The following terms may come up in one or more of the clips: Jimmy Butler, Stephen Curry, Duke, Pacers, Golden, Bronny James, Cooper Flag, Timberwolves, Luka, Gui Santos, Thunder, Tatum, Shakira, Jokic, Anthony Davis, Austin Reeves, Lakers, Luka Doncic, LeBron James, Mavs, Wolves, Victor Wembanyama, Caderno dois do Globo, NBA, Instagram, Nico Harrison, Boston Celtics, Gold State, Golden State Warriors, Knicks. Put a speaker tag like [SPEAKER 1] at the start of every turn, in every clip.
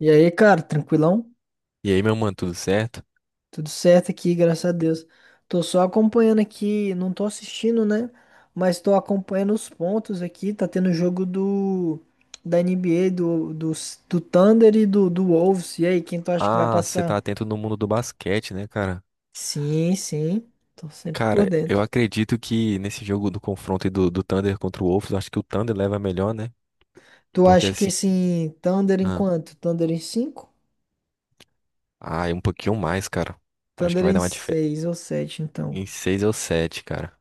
[SPEAKER 1] E aí, cara, tranquilão?
[SPEAKER 2] E aí, meu mano, tudo certo?
[SPEAKER 1] Tudo certo aqui, graças a Deus. Tô só acompanhando aqui, não tô assistindo, né? Mas tô acompanhando os pontos aqui. Tá tendo jogo do da NBA, do Thunder e do Wolves. E aí, quem tu acha que vai
[SPEAKER 2] Ah, você tá
[SPEAKER 1] passar?
[SPEAKER 2] atento no mundo do basquete, né, cara?
[SPEAKER 1] Sim, tô sempre por
[SPEAKER 2] Cara, eu
[SPEAKER 1] dentro.
[SPEAKER 2] acredito que nesse jogo do confronto aí do Thunder contra o Wolves, eu acho que o Thunder leva melhor, né?
[SPEAKER 1] Tu
[SPEAKER 2] Porque
[SPEAKER 1] acha que
[SPEAKER 2] assim,
[SPEAKER 1] assim, Thunder em
[SPEAKER 2] ah,
[SPEAKER 1] quanto? Thunder em 5?
[SPEAKER 2] é um pouquinho mais, cara. Acho que
[SPEAKER 1] Thunder
[SPEAKER 2] vai
[SPEAKER 1] em
[SPEAKER 2] dar uma diferença.
[SPEAKER 1] 6 ou 7? Então.
[SPEAKER 2] Em seis ou sete, cara.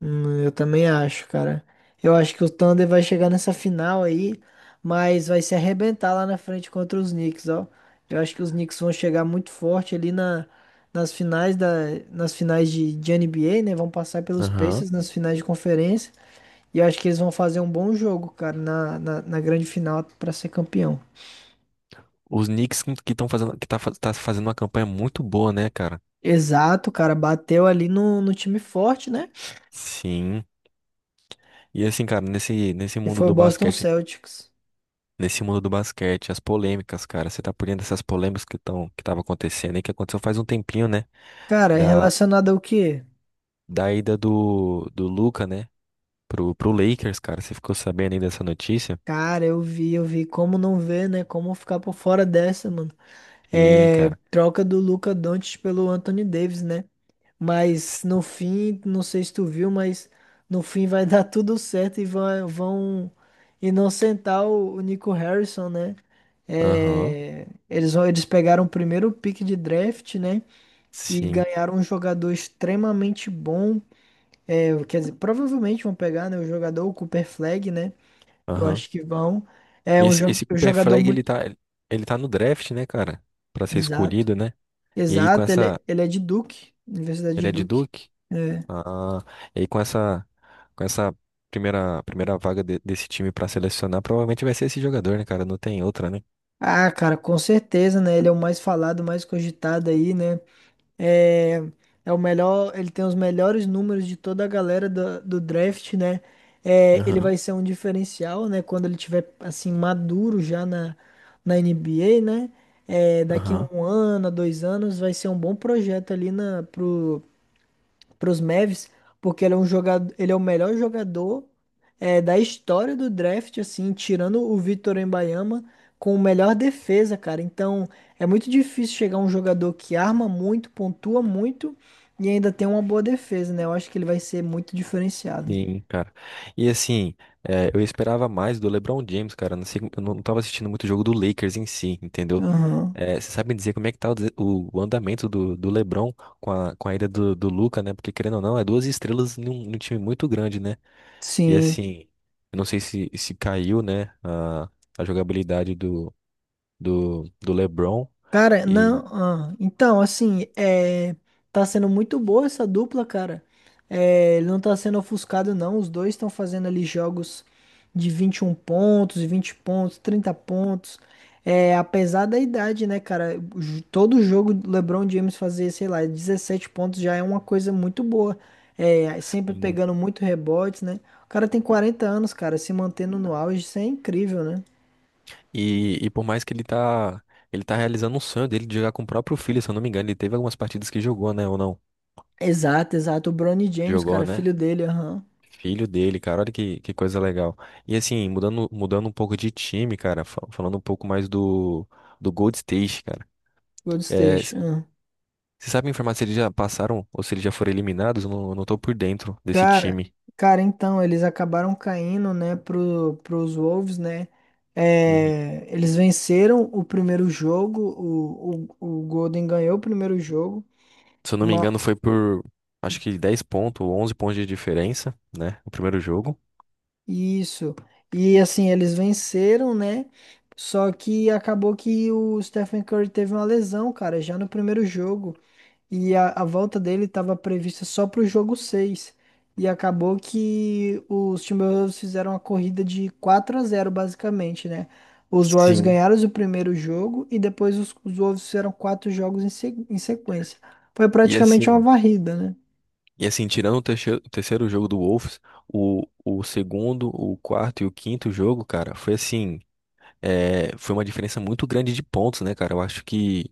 [SPEAKER 1] Eu também acho, cara. Eu acho que o Thunder vai chegar nessa final aí, mas vai se arrebentar lá na frente contra os Knicks, ó. Eu acho que os Knicks vão chegar muito forte ali nas finais nas finais de NBA, né? Vão passar pelos
[SPEAKER 2] Aham.
[SPEAKER 1] Pacers nas finais de conferência. E eu acho que eles vão fazer um bom jogo, cara, na grande final pra ser campeão.
[SPEAKER 2] Os Knicks que estão fazendo, que tá, tá fazendo uma campanha muito boa, né, cara?
[SPEAKER 1] Exato, cara. Bateu ali no time forte, né?
[SPEAKER 2] Sim. E assim, cara,
[SPEAKER 1] Que foi o Boston Celtics.
[SPEAKER 2] nesse mundo do basquete, as polêmicas, cara, você tá por dentro dessas polêmicas que estão, que tava acontecendo aí, que aconteceu faz um tempinho, né?
[SPEAKER 1] Cara, é
[SPEAKER 2] da,
[SPEAKER 1] relacionado ao quê?
[SPEAKER 2] da ida do Luka, né, pro Lakers, cara. Você ficou sabendo aí dessa notícia?
[SPEAKER 1] Cara, eu vi como não ver, né? Como ficar por fora dessa, mano.
[SPEAKER 2] Sim,
[SPEAKER 1] É,
[SPEAKER 2] cara.
[SPEAKER 1] troca do Luka Doncic pelo Anthony Davis, né?
[SPEAKER 2] S-
[SPEAKER 1] Mas no fim, não sei se tu viu, mas no fim vai dar tudo certo e vão inocentar o Nico Harrison, né?
[SPEAKER 2] Aham,
[SPEAKER 1] É, eles, eles pegaram o primeiro pick de draft, né? E
[SPEAKER 2] sim,
[SPEAKER 1] ganharam um jogador extremamente bom. É, quer dizer, provavelmente vão pegar, né, o jogador, o Cooper Flag, né? Eu
[SPEAKER 2] aham.
[SPEAKER 1] acho que vão. É um
[SPEAKER 2] Esse, esse
[SPEAKER 1] um
[SPEAKER 2] Cooper
[SPEAKER 1] jogador
[SPEAKER 2] Flag,
[SPEAKER 1] muito.
[SPEAKER 2] ele tá no draft, né, cara? Pra ser
[SPEAKER 1] Exato.
[SPEAKER 2] escolhido, né? E aí com
[SPEAKER 1] Exato,
[SPEAKER 2] essa...
[SPEAKER 1] ele é de Duke, Universidade de
[SPEAKER 2] Ele é de
[SPEAKER 1] Duke.
[SPEAKER 2] Duke?
[SPEAKER 1] É.
[SPEAKER 2] Ah, e aí com essa... Com essa primeira vaga desse time pra selecionar, provavelmente vai ser esse jogador, né, cara? Não tem outra, né?
[SPEAKER 1] Ah, cara, com certeza, né? Ele é o mais falado, mais cogitado aí, né? É, é o melhor, ele tem os melhores números de toda a galera do draft, né? É, ele
[SPEAKER 2] Aham,
[SPEAKER 1] vai ser um diferencial, né? Quando ele tiver, assim, maduro já na NBA, né? É, daqui a
[SPEAKER 2] aham.
[SPEAKER 1] um ano, a dois anos, vai ser um bom projeto ali na, para os Mavs, porque ele é um jogador, ele é o melhor jogador é, da história do draft, assim, tirando o Victor Wembanyama com melhor defesa, cara. Então, é muito difícil chegar um jogador que arma muito, pontua muito e ainda tem uma boa defesa, né? Eu acho que ele vai ser muito diferenciado.
[SPEAKER 2] Sim, cara. E assim, eu esperava mais do LeBron James, cara. Não sei, eu não tava assistindo muito o jogo do Lakers em si, entendeu?
[SPEAKER 1] Aham.
[SPEAKER 2] Você sabe me dizer como é que tá o andamento do LeBron com a ida do Luka, né? Porque querendo ou não, é duas estrelas num time muito grande, né? E
[SPEAKER 1] Sim.
[SPEAKER 2] assim, eu não sei se caiu, né, a jogabilidade do LeBron.
[SPEAKER 1] Cara,
[SPEAKER 2] E,
[SPEAKER 1] não. Ah, então, assim, é, tá sendo muito boa essa dupla, cara. É, ele não tá sendo ofuscado, não. Os dois estão fazendo ali jogos de 21 pontos, 20 pontos, 30 pontos. É, apesar da idade, né, cara? Ju- Todo jogo do LeBron James fazer, sei lá, 17 pontos já é uma coisa muito boa. É, sempre
[SPEAKER 2] assim,
[SPEAKER 1] pegando muito rebotes, né? O cara tem 40 anos, cara, se mantendo no auge, isso é incrível, né?
[SPEAKER 2] e por mais que ele tá realizando um sonho dele de jogar com o próprio filho, se eu não me engano, ele teve algumas partidas que jogou, né, ou não?
[SPEAKER 1] Exato, exato. O Bronny James,
[SPEAKER 2] Jogou,
[SPEAKER 1] cara,
[SPEAKER 2] né?
[SPEAKER 1] filho dele, aham.
[SPEAKER 2] Filho dele, cara, olha que coisa legal. E assim, mudando um pouco de time, cara, falando um pouco mais do Gold State, cara.
[SPEAKER 1] Gold
[SPEAKER 2] É,
[SPEAKER 1] State.
[SPEAKER 2] c-
[SPEAKER 1] Ah.
[SPEAKER 2] Você sabe me informar se eles já passaram ou se eles já foram eliminados? Eu não tô por dentro desse
[SPEAKER 1] Cara,
[SPEAKER 2] time.
[SPEAKER 1] Cara, então, eles acabaram caindo, né, pro, pros Wolves, né?
[SPEAKER 2] Uhum.
[SPEAKER 1] É, eles venceram o primeiro jogo, o Golden ganhou o primeiro jogo,
[SPEAKER 2] Se eu não me
[SPEAKER 1] ma,
[SPEAKER 2] engano, foi por acho que 10 pontos ou 11 pontos de diferença, né? O primeiro jogo.
[SPEAKER 1] isso. E assim, eles venceram, né? Só que acabou que o Stephen Curry teve uma lesão, cara, já no primeiro jogo. E a volta dele estava prevista só para o jogo seis. E acabou que os Timberwolves fizeram a corrida de 4 a zero basicamente, né? Os Warriors
[SPEAKER 2] Sim.
[SPEAKER 1] ganharam o primeiro jogo e depois os Wolves fizeram quatro jogos em, em sequência. Foi
[SPEAKER 2] E
[SPEAKER 1] praticamente uma
[SPEAKER 2] assim,
[SPEAKER 1] varrida, né?
[SPEAKER 2] e assim, tirando o terceiro jogo do Wolves, o segundo, o quarto e o quinto jogo, cara, foi assim. É, foi uma diferença muito grande de pontos, né, cara? Eu acho que,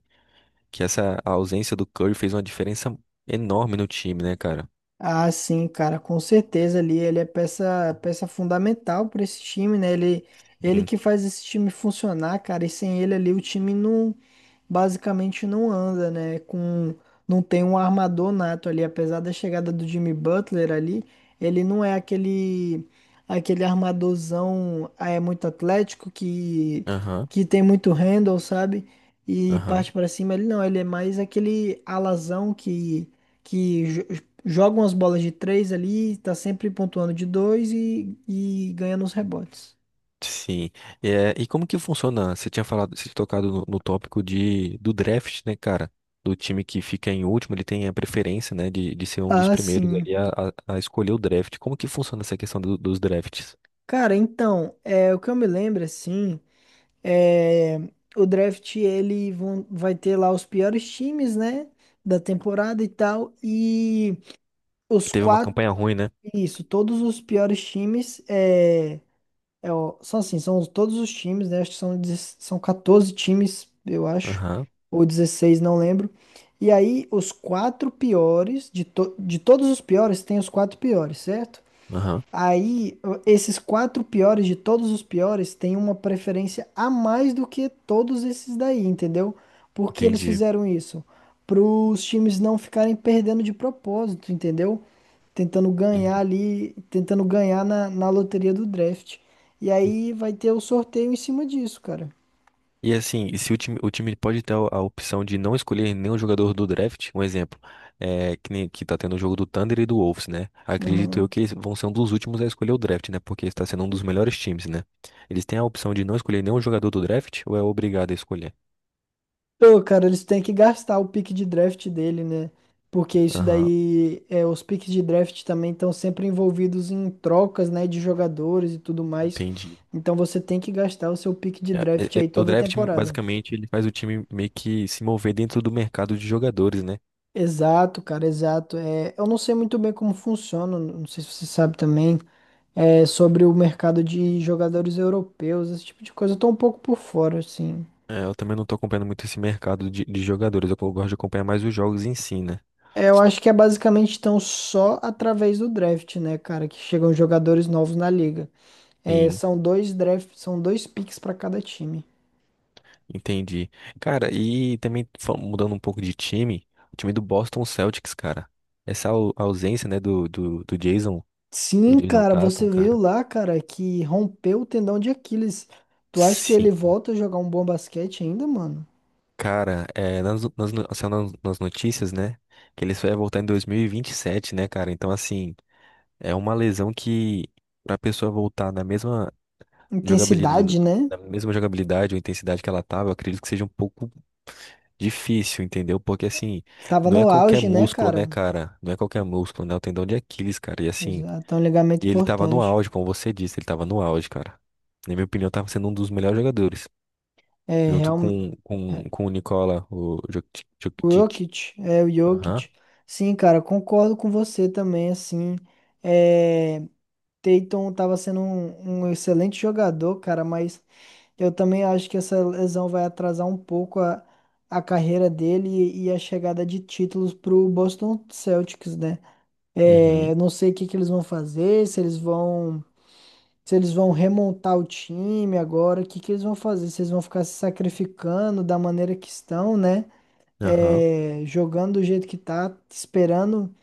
[SPEAKER 2] que essa ausência do Curry fez uma diferença enorme no time, né, cara?
[SPEAKER 1] Ah, sim, cara, com certeza ali ele é peça, peça fundamental para esse time, né? Ele
[SPEAKER 2] Sim.
[SPEAKER 1] que faz esse time funcionar, cara, e sem ele ali o time não basicamente não anda, né? Com não tem um armador nato ali, apesar da chegada do Jimmy Butler ali, ele não é aquele armadorzão, ah, é muito atlético que
[SPEAKER 2] Aham,
[SPEAKER 1] tem muito handle, sabe? E
[SPEAKER 2] aham.
[SPEAKER 1] parte para cima, ele não, ele é mais aquele alazão que joga umas bolas de três ali, tá sempre pontuando de dois e ganhando os rebotes.
[SPEAKER 2] Sim. É, e como que funciona? Você tinha falado, você tinha tocado no tópico do draft, né, cara? Do time que fica em último, ele tem a preferência, né, de ser um dos
[SPEAKER 1] Ah,
[SPEAKER 2] primeiros
[SPEAKER 1] sim.
[SPEAKER 2] ali a escolher o draft. Como que funciona essa questão dos drafts?
[SPEAKER 1] Cara, então, é, o que eu me lembro, assim, é, o draft, ele vai ter lá os piores times, né, da temporada e tal, e
[SPEAKER 2] Que
[SPEAKER 1] os
[SPEAKER 2] teve uma
[SPEAKER 1] quatro,
[SPEAKER 2] campanha ruim, né?
[SPEAKER 1] isso, todos os piores times, é, é, ó, são assim, são todos os times, né? Acho que são, são 14 times, eu acho,
[SPEAKER 2] Aham,
[SPEAKER 1] ou 16, não lembro. E aí, os quatro piores, de todos os piores, tem os quatro piores, certo?
[SPEAKER 2] aham,
[SPEAKER 1] Aí, esses quatro piores de todos os piores têm uma preferência a mais do que todos esses daí, entendeu? Por que eles
[SPEAKER 2] entendi.
[SPEAKER 1] fizeram isso? Para os times não ficarem perdendo de propósito, entendeu? Tentando ganhar
[SPEAKER 2] Uhum.
[SPEAKER 1] ali, tentando ganhar na loteria do draft. E aí vai ter o sorteio em cima disso, cara.
[SPEAKER 2] E assim, e se o time, o time pode ter a opção de não escolher nenhum jogador do draft, um exemplo, é, que, nem, que tá tendo o jogo do Thunder e do Wolves, né? Acredito eu
[SPEAKER 1] Uhum.
[SPEAKER 2] que eles vão ser um dos últimos a escolher o draft, né? Porque está sendo um dos melhores times, né? Eles têm a opção de não escolher nenhum jogador do draft ou é obrigado a escolher?
[SPEAKER 1] Pô, cara, eles têm que gastar o pique de draft dele, né? Porque isso
[SPEAKER 2] Aham,
[SPEAKER 1] daí, é, os piques de draft também estão sempre envolvidos em trocas, né, de jogadores e tudo mais.
[SPEAKER 2] entendi.
[SPEAKER 1] Então você tem que gastar o seu pique de
[SPEAKER 2] É,
[SPEAKER 1] draft
[SPEAKER 2] é, é,
[SPEAKER 1] aí
[SPEAKER 2] o
[SPEAKER 1] toda
[SPEAKER 2] draft,
[SPEAKER 1] temporada.
[SPEAKER 2] basicamente, ele faz o time meio que se mover dentro do mercado de jogadores, né?
[SPEAKER 1] Exato, cara, exato. É, eu não sei muito bem como funciona, não sei se você sabe também, é, sobre o mercado de jogadores europeus, esse tipo de coisa. Eu tô um pouco por fora, assim.
[SPEAKER 2] É, eu também não tô acompanhando muito esse mercado de jogadores, eu gosto de acompanhar mais os jogos em si, né?
[SPEAKER 1] É, eu acho que é basicamente tão só através do draft, né, cara, que chegam jogadores novos na liga. É,
[SPEAKER 2] Sim.
[SPEAKER 1] são dois drafts, são dois picks para cada time.
[SPEAKER 2] Entendi. Cara, e também mudando um pouco de time, o time do Boston Celtics, cara. Essa ausência, né, do
[SPEAKER 1] Sim,
[SPEAKER 2] Jason
[SPEAKER 1] cara,
[SPEAKER 2] Tatum,
[SPEAKER 1] você viu
[SPEAKER 2] cara.
[SPEAKER 1] lá, cara, que rompeu o tendão de Aquiles. Tu acha que ele
[SPEAKER 2] Sim.
[SPEAKER 1] volta a jogar um bom basquete ainda, mano?
[SPEAKER 2] Cara, é, nas, nas, no- assim, nas notícias, né, que ele só ia voltar em 2027, né, cara? Então, assim, é uma lesão que pra pessoa voltar Jogabilidade,
[SPEAKER 1] Intensidade, né?
[SPEAKER 2] da mesma jogabilidade ou intensidade que ela tava, eu acredito que seja um pouco difícil, entendeu? Porque assim,
[SPEAKER 1] Tava
[SPEAKER 2] não é
[SPEAKER 1] no
[SPEAKER 2] qualquer
[SPEAKER 1] auge, né,
[SPEAKER 2] músculo, né,
[SPEAKER 1] cara?
[SPEAKER 2] cara? Não é qualquer músculo, né? O tendão de Aquiles, cara. E assim,
[SPEAKER 1] Exato, é um ligamento
[SPEAKER 2] e ele tava no
[SPEAKER 1] importante.
[SPEAKER 2] auge, como você disse, ele tava no auge, cara. Na minha opinião, tava sendo um dos melhores jogadores.
[SPEAKER 1] É,
[SPEAKER 2] Junto
[SPEAKER 1] real...
[SPEAKER 2] com,
[SPEAKER 1] é,
[SPEAKER 2] com, com o Nicola, o Jokic.
[SPEAKER 1] o
[SPEAKER 2] Jokic.
[SPEAKER 1] Jokic, é o
[SPEAKER 2] Aham.
[SPEAKER 1] Jokic. Sim, cara, concordo com você também, assim. É, Tatum tava sendo um excelente jogador, cara, mas eu também acho que essa lesão vai atrasar um pouco a carreira dele e a chegada de títulos para o Boston Celtics, né? É,
[SPEAKER 2] Uhum.
[SPEAKER 1] eu não sei o que que eles vão fazer, se eles vão, se eles vão remontar o time agora, o que que eles vão fazer? Se eles vão ficar se sacrificando da maneira que estão, né?
[SPEAKER 2] Aham.
[SPEAKER 1] É, jogando do jeito que tá,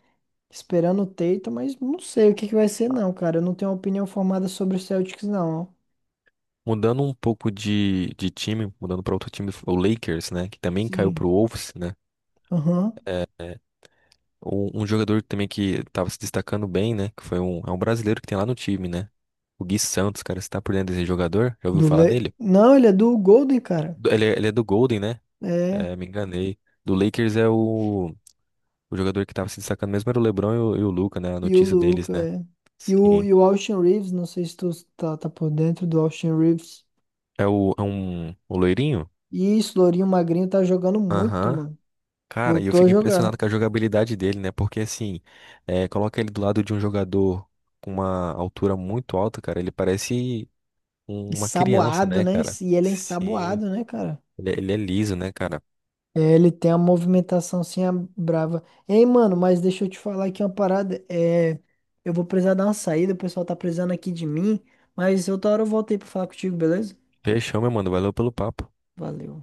[SPEAKER 1] esperando o Tatum, mas não sei o que que vai ser, não, cara. Eu não tenho uma opinião formada sobre o Celtics, não.
[SPEAKER 2] Mudando um pouco de time, mudando para outro time, o Lakers, né? Que também caiu
[SPEAKER 1] Sim.
[SPEAKER 2] pro Wolves, né?
[SPEAKER 1] Aham.
[SPEAKER 2] Um jogador também que tava se destacando bem, né? Que foi é um brasileiro que tem lá no time, né? O Gui Santos, cara, você tá por dentro desse jogador? Já ouviu
[SPEAKER 1] Do
[SPEAKER 2] falar
[SPEAKER 1] Le...
[SPEAKER 2] dele?
[SPEAKER 1] Não, ele é do Golden, cara.
[SPEAKER 2] Ele é do Golden, né?
[SPEAKER 1] É.
[SPEAKER 2] É, me enganei. Do Lakers é o jogador que tava se destacando mesmo, era o LeBron e o Luka, né? A
[SPEAKER 1] E o
[SPEAKER 2] notícia deles,
[SPEAKER 1] Luca,
[SPEAKER 2] né?
[SPEAKER 1] é. E
[SPEAKER 2] Sim.
[SPEAKER 1] e o Austin Reeves, não sei se tu tá por dentro do Austin Reeves.
[SPEAKER 2] O loirinho?
[SPEAKER 1] E isso, Lourinho Magrinho tá jogando muito,
[SPEAKER 2] Aham.
[SPEAKER 1] mano.
[SPEAKER 2] Cara, e eu
[SPEAKER 1] Voltou a
[SPEAKER 2] fico
[SPEAKER 1] jogar.
[SPEAKER 2] impressionado com a jogabilidade dele, né? Porque assim, é, coloca ele do lado de um jogador com uma altura muito alta, cara. Ele parece, uma criança,
[SPEAKER 1] Ensaboado,
[SPEAKER 2] né,
[SPEAKER 1] né?
[SPEAKER 2] cara?
[SPEAKER 1] E ele é
[SPEAKER 2] Sim,
[SPEAKER 1] ensaboado, né, cara?
[SPEAKER 2] ele é liso, né, cara?
[SPEAKER 1] É, ele tem a movimentação assim, a brava. Ei, mano, mas deixa eu te falar aqui uma parada. É, eu vou precisar dar uma saída, o pessoal tá precisando aqui de mim. Mas outra hora eu volto aí pra falar contigo, beleza?
[SPEAKER 2] Fechou, meu mano. Valeu pelo papo.
[SPEAKER 1] Valeu.